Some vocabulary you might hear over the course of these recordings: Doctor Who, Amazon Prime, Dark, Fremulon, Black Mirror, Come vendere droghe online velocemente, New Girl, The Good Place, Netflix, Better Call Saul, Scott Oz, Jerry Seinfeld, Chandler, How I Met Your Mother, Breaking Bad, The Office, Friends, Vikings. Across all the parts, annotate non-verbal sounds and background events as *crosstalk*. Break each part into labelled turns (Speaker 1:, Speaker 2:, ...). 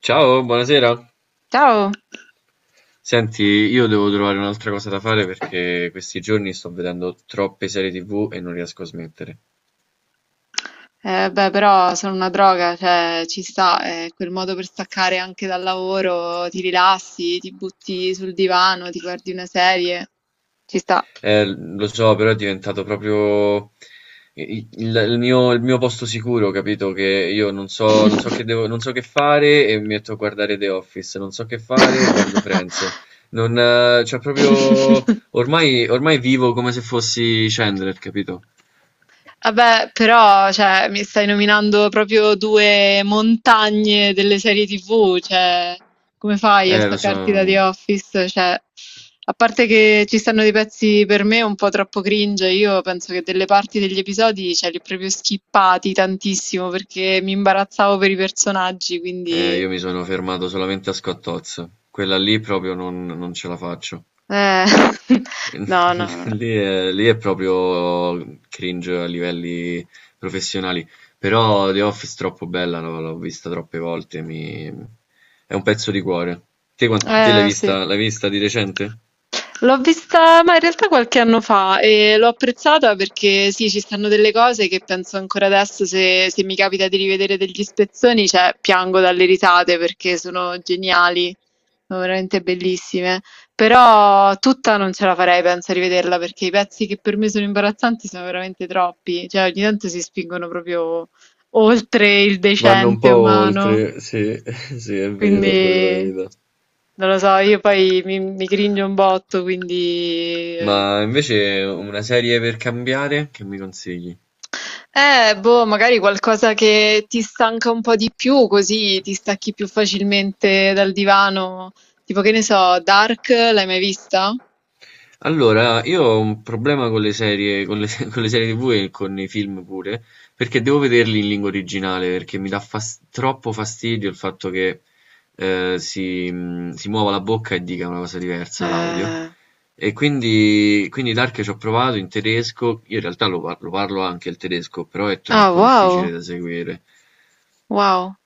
Speaker 1: Ciao, buonasera.
Speaker 2: Ciao!
Speaker 1: Senti, io devo trovare un'altra cosa da fare perché questi giorni sto vedendo troppe serie TV e non riesco a smettere.
Speaker 2: Beh, però sono una droga, cioè ci sta, è quel modo per staccare anche dal lavoro, ti rilassi, ti butti sul divano, ti guardi una serie, ci sta.
Speaker 1: Lo so, però è diventato proprio il mio posto sicuro, capito? Che io non so che devo, non so che fare e mi metto a guardare The Office, non so che fare e guardo Friends.
Speaker 2: *laughs*
Speaker 1: Non, Cioè proprio ormai vivo come se fossi Chandler, capito?
Speaker 2: Vabbè, però, cioè, mi stai nominando proprio due montagne delle serie TV, cioè, come fai a
Speaker 1: Lo
Speaker 2: staccarti da The
Speaker 1: so.
Speaker 2: Office? Cioè, a parte che ci stanno dei pezzi per me un po' troppo cringe, io penso che delle parti degli episodi, cioè, li ho proprio skippati tantissimo perché mi imbarazzavo per i personaggi, quindi.
Speaker 1: Io mi sono fermato solamente a Scott Oz. Quella lì proprio non ce la faccio.
Speaker 2: eh, *laughs* no,
Speaker 1: *laughs*
Speaker 2: no.
Speaker 1: Lì è proprio cringe a livelli professionali. Però The Office troppo bella, no? L'ho vista troppe volte, è un pezzo di cuore. Te, te l'hai
Speaker 2: Sì.
Speaker 1: vista, l'hai vista di recente?
Speaker 2: L'ho vista, ma in realtà qualche anno fa e l'ho apprezzata perché sì, ci stanno delle cose che penso ancora adesso, se mi capita di rivedere degli spezzoni, cioè piango dalle risate perché sono geniali, sono veramente bellissime. Però tutta non ce la farei, penso, a rivederla perché i pezzi che per me sono imbarazzanti sono veramente troppi, cioè ogni tanto si spingono proprio oltre il
Speaker 1: Vanno un po'
Speaker 2: decente umano.
Speaker 1: oltre, sì, *laughs* sì, è vero, è proprio la
Speaker 2: Quindi
Speaker 1: verità.
Speaker 2: non lo so, io poi mi cringio un botto, quindi
Speaker 1: Ma invece una serie per cambiare, che mi consigli?
Speaker 2: boh, magari qualcosa che ti stanca un po' di più, così ti stacchi più facilmente dal divano. Tipo che ne so, Dark, l'hai mai vista?
Speaker 1: Allora, io ho un problema con le serie, *laughs* con le serie TV e con i film pure, perché devo vederli in lingua originale, perché mi dà troppo fastidio il fatto che si muova la bocca e dica una cosa diversa l'audio.
Speaker 2: Eh,
Speaker 1: E quindi Dark ci ho provato in tedesco, io in realtà lo parlo anche il tedesco, però è
Speaker 2: Ah,
Speaker 1: troppo
Speaker 2: wow,
Speaker 1: difficile da seguire.
Speaker 2: wow,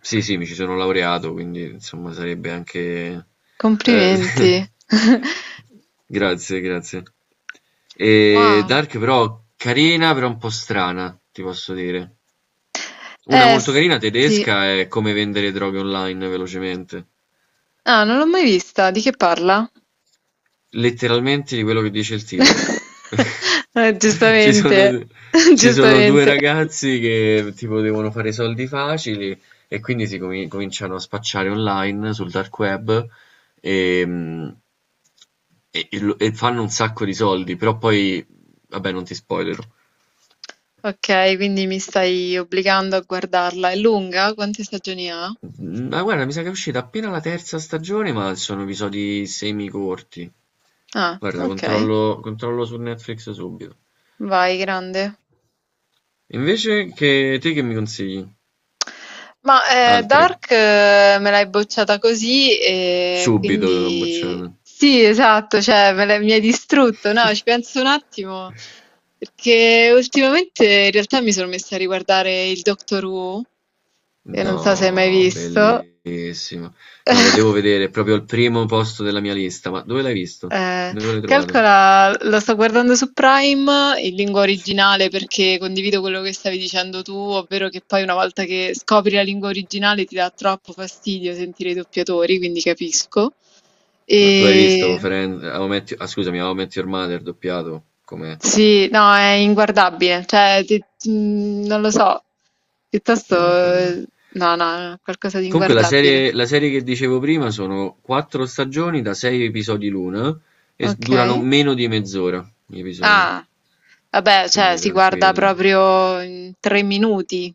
Speaker 1: Sì, sì, mi ci sono laureato, quindi insomma sarebbe anche. eh, *laughs*
Speaker 2: complimenti. *laughs*
Speaker 1: Grazie, grazie. E
Speaker 2: Wow.
Speaker 1: Dark però carina, però un po' strana, ti posso dire. Una
Speaker 2: Eh
Speaker 1: molto carina
Speaker 2: sì.
Speaker 1: tedesca è Come vendere droghe online velocemente.
Speaker 2: Ah, non l'ho mai vista. Di che parla?
Speaker 1: Letteralmente di quello che dice il titolo.
Speaker 2: *laughs*
Speaker 1: *laughs* Ci
Speaker 2: Giustamente,
Speaker 1: sono,
Speaker 2: *laughs*
Speaker 1: ci sono due
Speaker 2: giustamente.
Speaker 1: ragazzi che tipo devono fare soldi facili e quindi cominciano a spacciare online sul dark web e, mm, e fanno un sacco di soldi, però poi, vabbè, non ti spoilerò.
Speaker 2: Ok, quindi mi stai obbligando a guardarla. È lunga? Quante stagioni ha?
Speaker 1: Ma guarda, mi sa che è uscita appena la terza stagione, ma sono episodi semicorti.
Speaker 2: Ah,
Speaker 1: Guarda,
Speaker 2: ok,
Speaker 1: controllo su Netflix subito.
Speaker 2: vai, grande.
Speaker 1: Invece che te che mi consigli?
Speaker 2: Ma
Speaker 1: Altri?
Speaker 2: Dark me l'hai bocciata così e
Speaker 1: Subito l'ho
Speaker 2: quindi
Speaker 1: bocciato.
Speaker 2: sì, esatto, cioè mi hai distrutto, no? Ci penso un attimo perché ultimamente in realtà mi sono messa a riguardare il Doctor Who, che non so se hai mai
Speaker 1: No,
Speaker 2: visto.
Speaker 1: bellissimo. No,
Speaker 2: *laughs*
Speaker 1: lo devo vedere, è proprio al primo posto della mia lista. Ma dove l'hai visto?
Speaker 2: Ehm,
Speaker 1: Dove l'hai trovato?
Speaker 2: calcola, lo sto guardando su Prime in lingua
Speaker 1: Su-
Speaker 2: originale perché condivido quello che stavi dicendo tu, ovvero che poi una volta che scopri la lingua originale ti dà troppo fastidio sentire i doppiatori, quindi capisco.
Speaker 1: Ma tu hai visto
Speaker 2: E
Speaker 1: Friends, ah, scusami, How I Met Your Mother doppiato? Com'è?
Speaker 2: sì, no, è inguardabile, cioè non lo so, piuttosto
Speaker 1: No, è proprio, no.
Speaker 2: no, no, qualcosa di
Speaker 1: Comunque la
Speaker 2: inguardabile.
Speaker 1: serie la serie che dicevo prima sono 4 stagioni da 6 episodi l'una e s
Speaker 2: Ok.
Speaker 1: durano meno di mezz'ora gli episodi,
Speaker 2: Ah, vabbè, cioè
Speaker 1: quindi
Speaker 2: si guarda
Speaker 1: tranquilla.
Speaker 2: proprio in 3 minuti.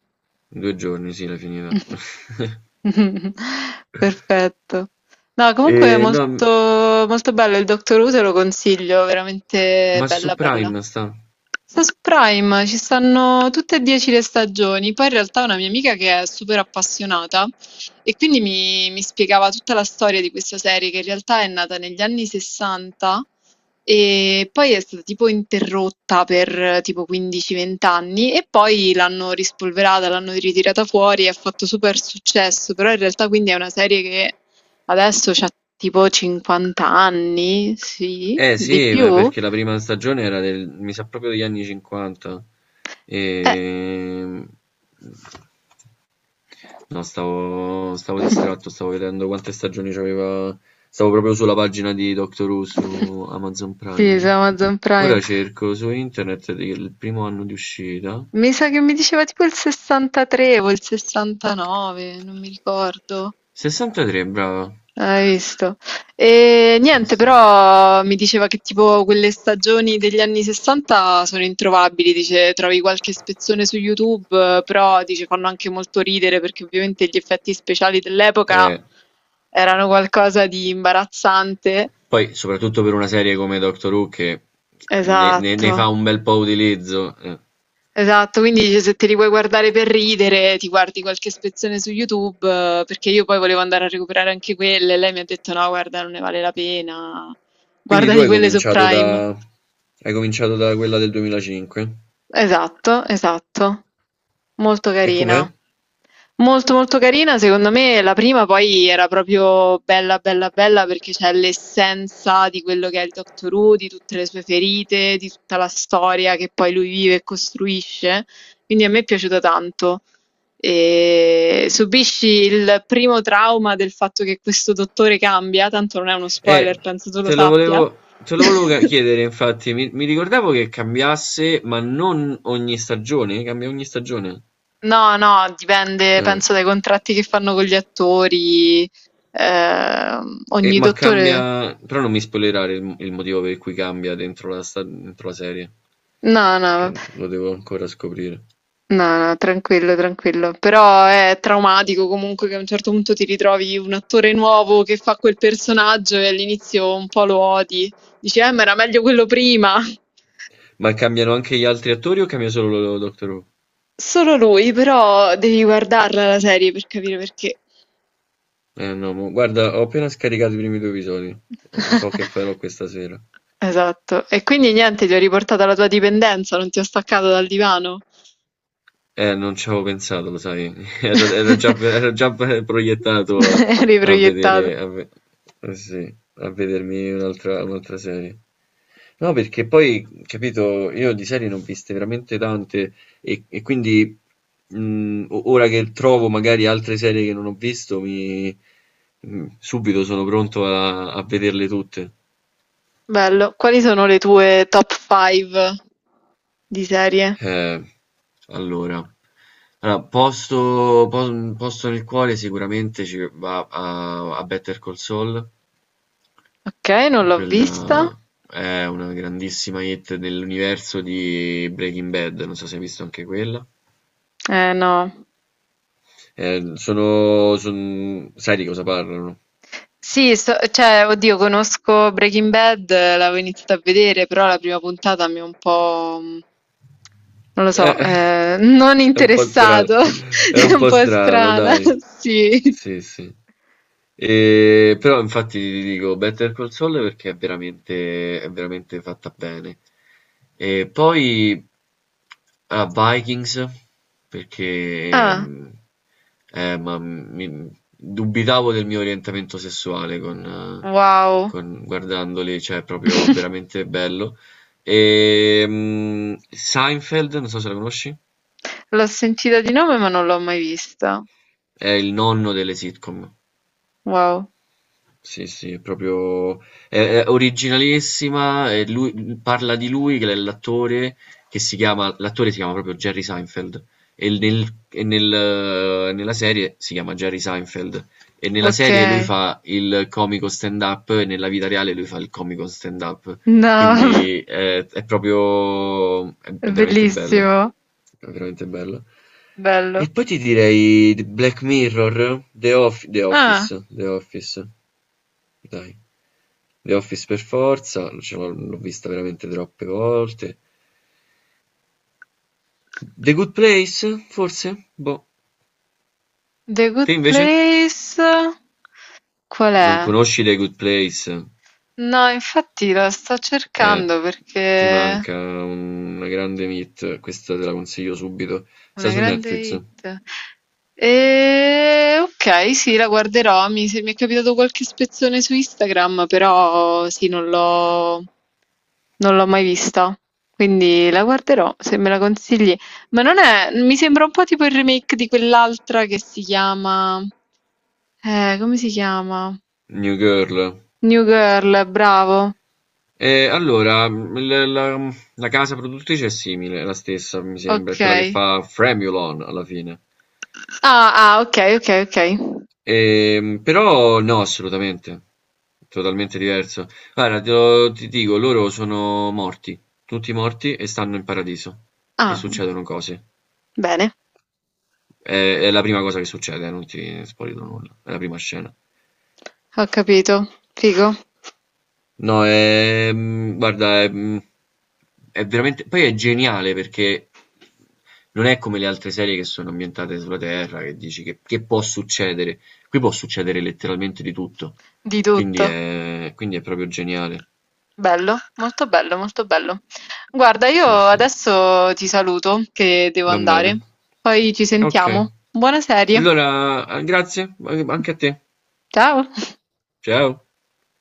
Speaker 1: In 2 giorni sì l'hai finita. *laughs*
Speaker 2: *laughs* Perfetto. No,
Speaker 1: E
Speaker 2: comunque è
Speaker 1: no, m
Speaker 2: molto, molto bello il Doctor Who, te lo consiglio, veramente
Speaker 1: ma su
Speaker 2: bella bella.
Speaker 1: Prime sta?
Speaker 2: Su Prime ci stanno tutte e 10 le stagioni, poi in realtà una mia amica che è super appassionata e quindi mi spiegava tutta la storia di questa serie che in realtà è nata negli anni 60 e poi è stata tipo interrotta per tipo 15-20 anni e poi l'hanno rispolverata, l'hanno ritirata fuori e ha fatto super successo, però in realtà quindi è una serie che adesso ha tipo 50 anni, sì,
Speaker 1: Eh
Speaker 2: di
Speaker 1: sì, ma
Speaker 2: più.
Speaker 1: perché la prima stagione era del mi sa proprio degli anni '50.
Speaker 2: Eh.
Speaker 1: ehm No, stavo
Speaker 2: *laughs*
Speaker 1: distratto, stavo vedendo quante stagioni c'aveva. Stavo proprio sulla pagina di Doctor Who
Speaker 2: *laughs*
Speaker 1: su Amazon
Speaker 2: Sì, su
Speaker 1: Prime.
Speaker 2: Amazon Prime.
Speaker 1: Ora cerco su internet il primo anno di uscita.
Speaker 2: Mi sa che mi diceva tipo il 63 o il 69, non mi ricordo.
Speaker 1: 63, brava.
Speaker 2: Hai visto? E
Speaker 1: Sì,
Speaker 2: niente,
Speaker 1: sì.
Speaker 2: però mi diceva che tipo quelle stagioni degli anni 60 sono introvabili, dice trovi qualche spezzone su YouTube, però dice fanno anche molto ridere perché ovviamente gli effetti speciali dell'epoca
Speaker 1: Eh,
Speaker 2: erano qualcosa di imbarazzante.
Speaker 1: poi, soprattutto per una serie come Doctor Who che ne, ne-
Speaker 2: Esatto.
Speaker 1: ne fa un bel po' utilizzo.
Speaker 2: Esatto, quindi dice, se te li vuoi guardare per ridere, ti guardi qualche spezzone su YouTube, perché io poi volevo andare a recuperare anche quelle, e lei mi ha detto no, guarda, non ne vale la pena,
Speaker 1: Quindi tu
Speaker 2: guardati
Speaker 1: hai
Speaker 2: quelle su
Speaker 1: cominciato
Speaker 2: Prime.
Speaker 1: da, hai cominciato da quella del 2005.
Speaker 2: Esatto, esatto. Molto
Speaker 1: E com'è?
Speaker 2: carina. Molto molto carina, secondo me la prima poi era proprio bella bella bella perché c'è l'essenza di quello che è il Doctor Who, di tutte le sue ferite, di tutta la storia che poi lui vive e costruisce, quindi a me è piaciuta tanto. E subisci il primo trauma del fatto che questo dottore cambia, tanto non è uno
Speaker 1: Eh,
Speaker 2: spoiler, penso tu lo
Speaker 1: te lo
Speaker 2: sappia.
Speaker 1: volevo, te lo volevo ca- chiedere, infatti, mi ricordavo che cambiasse, ma non ogni stagione, cambia ogni stagione.
Speaker 2: No, no, dipende,
Speaker 1: Eh,
Speaker 2: penso dai contratti che fanno con gli attori. ehm, ogni
Speaker 1: ma
Speaker 2: dottore.
Speaker 1: cambia, però non mi spoilerare il motivo per cui cambia dentro la serie,
Speaker 2: No, no,
Speaker 1: che lo devo ancora scoprire.
Speaker 2: no, no, tranquillo, tranquillo. Però è traumatico comunque che a un certo punto ti ritrovi un attore nuovo che fa quel personaggio e all'inizio un po' lo odi. Dici, ma era meglio quello prima.
Speaker 1: Ma cambiano anche gli altri attori o cambia solo Doctor Who?
Speaker 2: Solo lui, però devi guardarla la serie per capire perché.
Speaker 1: Eh no, guarda, ho appena scaricato i primi due episodi, non so che
Speaker 2: *laughs*
Speaker 1: farò questa sera.
Speaker 2: Esatto. E quindi niente, ti ho riportato alla tua dipendenza, non ti ho staccato dal divano.
Speaker 1: Non ci avevo pensato, lo sai, *laughs* ero, ero
Speaker 2: *laughs*
Speaker 1: già, ero già proiettato
Speaker 2: Eri
Speaker 1: a
Speaker 2: proiettato.
Speaker 1: vedere, a, ve- eh sì, a vedermi un'altra serie. No, perché poi, capito, io di serie ne ho viste veramente tante e quindi ora che trovo magari altre serie che non ho visto, subito sono pronto a vederle tutte.
Speaker 2: Bello. Quali sono le tue top 5 di serie?
Speaker 1: Eh, allora, allora, posto nel cuore sicuramente ci va a Better Call Saul,
Speaker 2: Ok, non l'ho vista.
Speaker 1: quella è una grandissima hit dell'universo di Breaking Bad, non so se hai visto anche quella.
Speaker 2: Eh no.
Speaker 1: Sai di cosa parlano?
Speaker 2: Sì, cioè, oddio, conosco Breaking Bad, l'avevo iniziata a vedere, però la prima puntata mi ha un po'. Non lo
Speaker 1: Eh,
Speaker 2: so,
Speaker 1: *laughs*
Speaker 2: non
Speaker 1: è un po' strano,
Speaker 2: interessato, *laughs*
Speaker 1: è
Speaker 2: è
Speaker 1: un
Speaker 2: un
Speaker 1: po'
Speaker 2: po'
Speaker 1: strano,
Speaker 2: strana,
Speaker 1: dai.
Speaker 2: *laughs* sì.
Speaker 1: Sì, sì. E, però infatti ti dico Better Call Saul perché è veramente fatta bene. E poi a Vikings perché
Speaker 2: Ah,
Speaker 1: dubitavo del mio orientamento sessuale
Speaker 2: wow.
Speaker 1: guardandoli, cioè è proprio
Speaker 2: *laughs*
Speaker 1: veramente bello. E, Seinfeld, non so se la conosci,
Speaker 2: L'ho sentita di nome ma non l'ho mai vista.
Speaker 1: è il nonno delle sitcom.
Speaker 2: Wow,
Speaker 1: Sì, sì, è originalissima e lui parla di lui che è l'attore che si chiama, l'attore si chiama proprio Jerry Seinfeld e, nella serie si chiama Jerry Seinfeld e nella serie lui
Speaker 2: okay.
Speaker 1: fa il comico stand up e nella vita reale lui fa il comico stand up.
Speaker 2: No, *laughs*
Speaker 1: Quindi è, è proprio è,
Speaker 2: è
Speaker 1: è veramente bella,
Speaker 2: bellissimo,
Speaker 1: è veramente bella.
Speaker 2: bello.
Speaker 1: E poi ti direi Black Mirror, The
Speaker 2: Ah,
Speaker 1: Office, The Office. Dai. The Office per forza, ce l'ho vista veramente troppe volte. The Good Place, forse? Boh.
Speaker 2: The Good
Speaker 1: Te invece?
Speaker 2: Place, qual
Speaker 1: Non
Speaker 2: è?
Speaker 1: conosci The Good Place?
Speaker 2: No, infatti la sto
Speaker 1: Eh,
Speaker 2: cercando
Speaker 1: ti
Speaker 2: perché
Speaker 1: manca una grande hit, questa te la consiglio subito. Sta
Speaker 2: una
Speaker 1: su
Speaker 2: grande
Speaker 1: Netflix,
Speaker 2: hit. E. Ok, sì, la guarderò. Mi, se- mi è capitato qualche spezzone su Instagram, però sì, non l'ho mai vista. Quindi la guarderò se me la consigli. Ma non è, mi sembra un po' tipo il remake di quell'altra che si chiama. Come si chiama?
Speaker 1: New Girl.
Speaker 2: New Girl, bravo.
Speaker 1: E allora, la casa produttrice è simile, è la stessa, mi sembra, è
Speaker 2: Ok.
Speaker 1: quella che fa Fremulon alla fine.
Speaker 2: Ah, ah, ok, ok, ok.
Speaker 1: Però no, assolutamente, totalmente diverso. Guarda, ti dico, loro sono morti, tutti morti e stanno in paradiso e
Speaker 2: Ah,
Speaker 1: succedono cose.
Speaker 2: bene,
Speaker 1: È, è la prima cosa che succede, non ti spoilerò nulla, è la prima scena.
Speaker 2: ho capito. Figo.
Speaker 1: No, guarda, è veramente, poi è geniale perché non è come le altre serie che sono ambientate sulla Terra, che dici che, può succedere. Qui può succedere letteralmente di tutto,
Speaker 2: Di
Speaker 1: quindi
Speaker 2: tutto.
Speaker 1: è, quindi è proprio geniale.
Speaker 2: Bello, molto bello, molto bello. Guarda, io
Speaker 1: Sì, sì.
Speaker 2: adesso ti saluto che devo
Speaker 1: Va
Speaker 2: andare.
Speaker 1: bene.
Speaker 2: Poi ci
Speaker 1: Ok.
Speaker 2: sentiamo. Buona serie.
Speaker 1: Allora, grazie anche a te.
Speaker 2: Ciao.
Speaker 1: Ciao.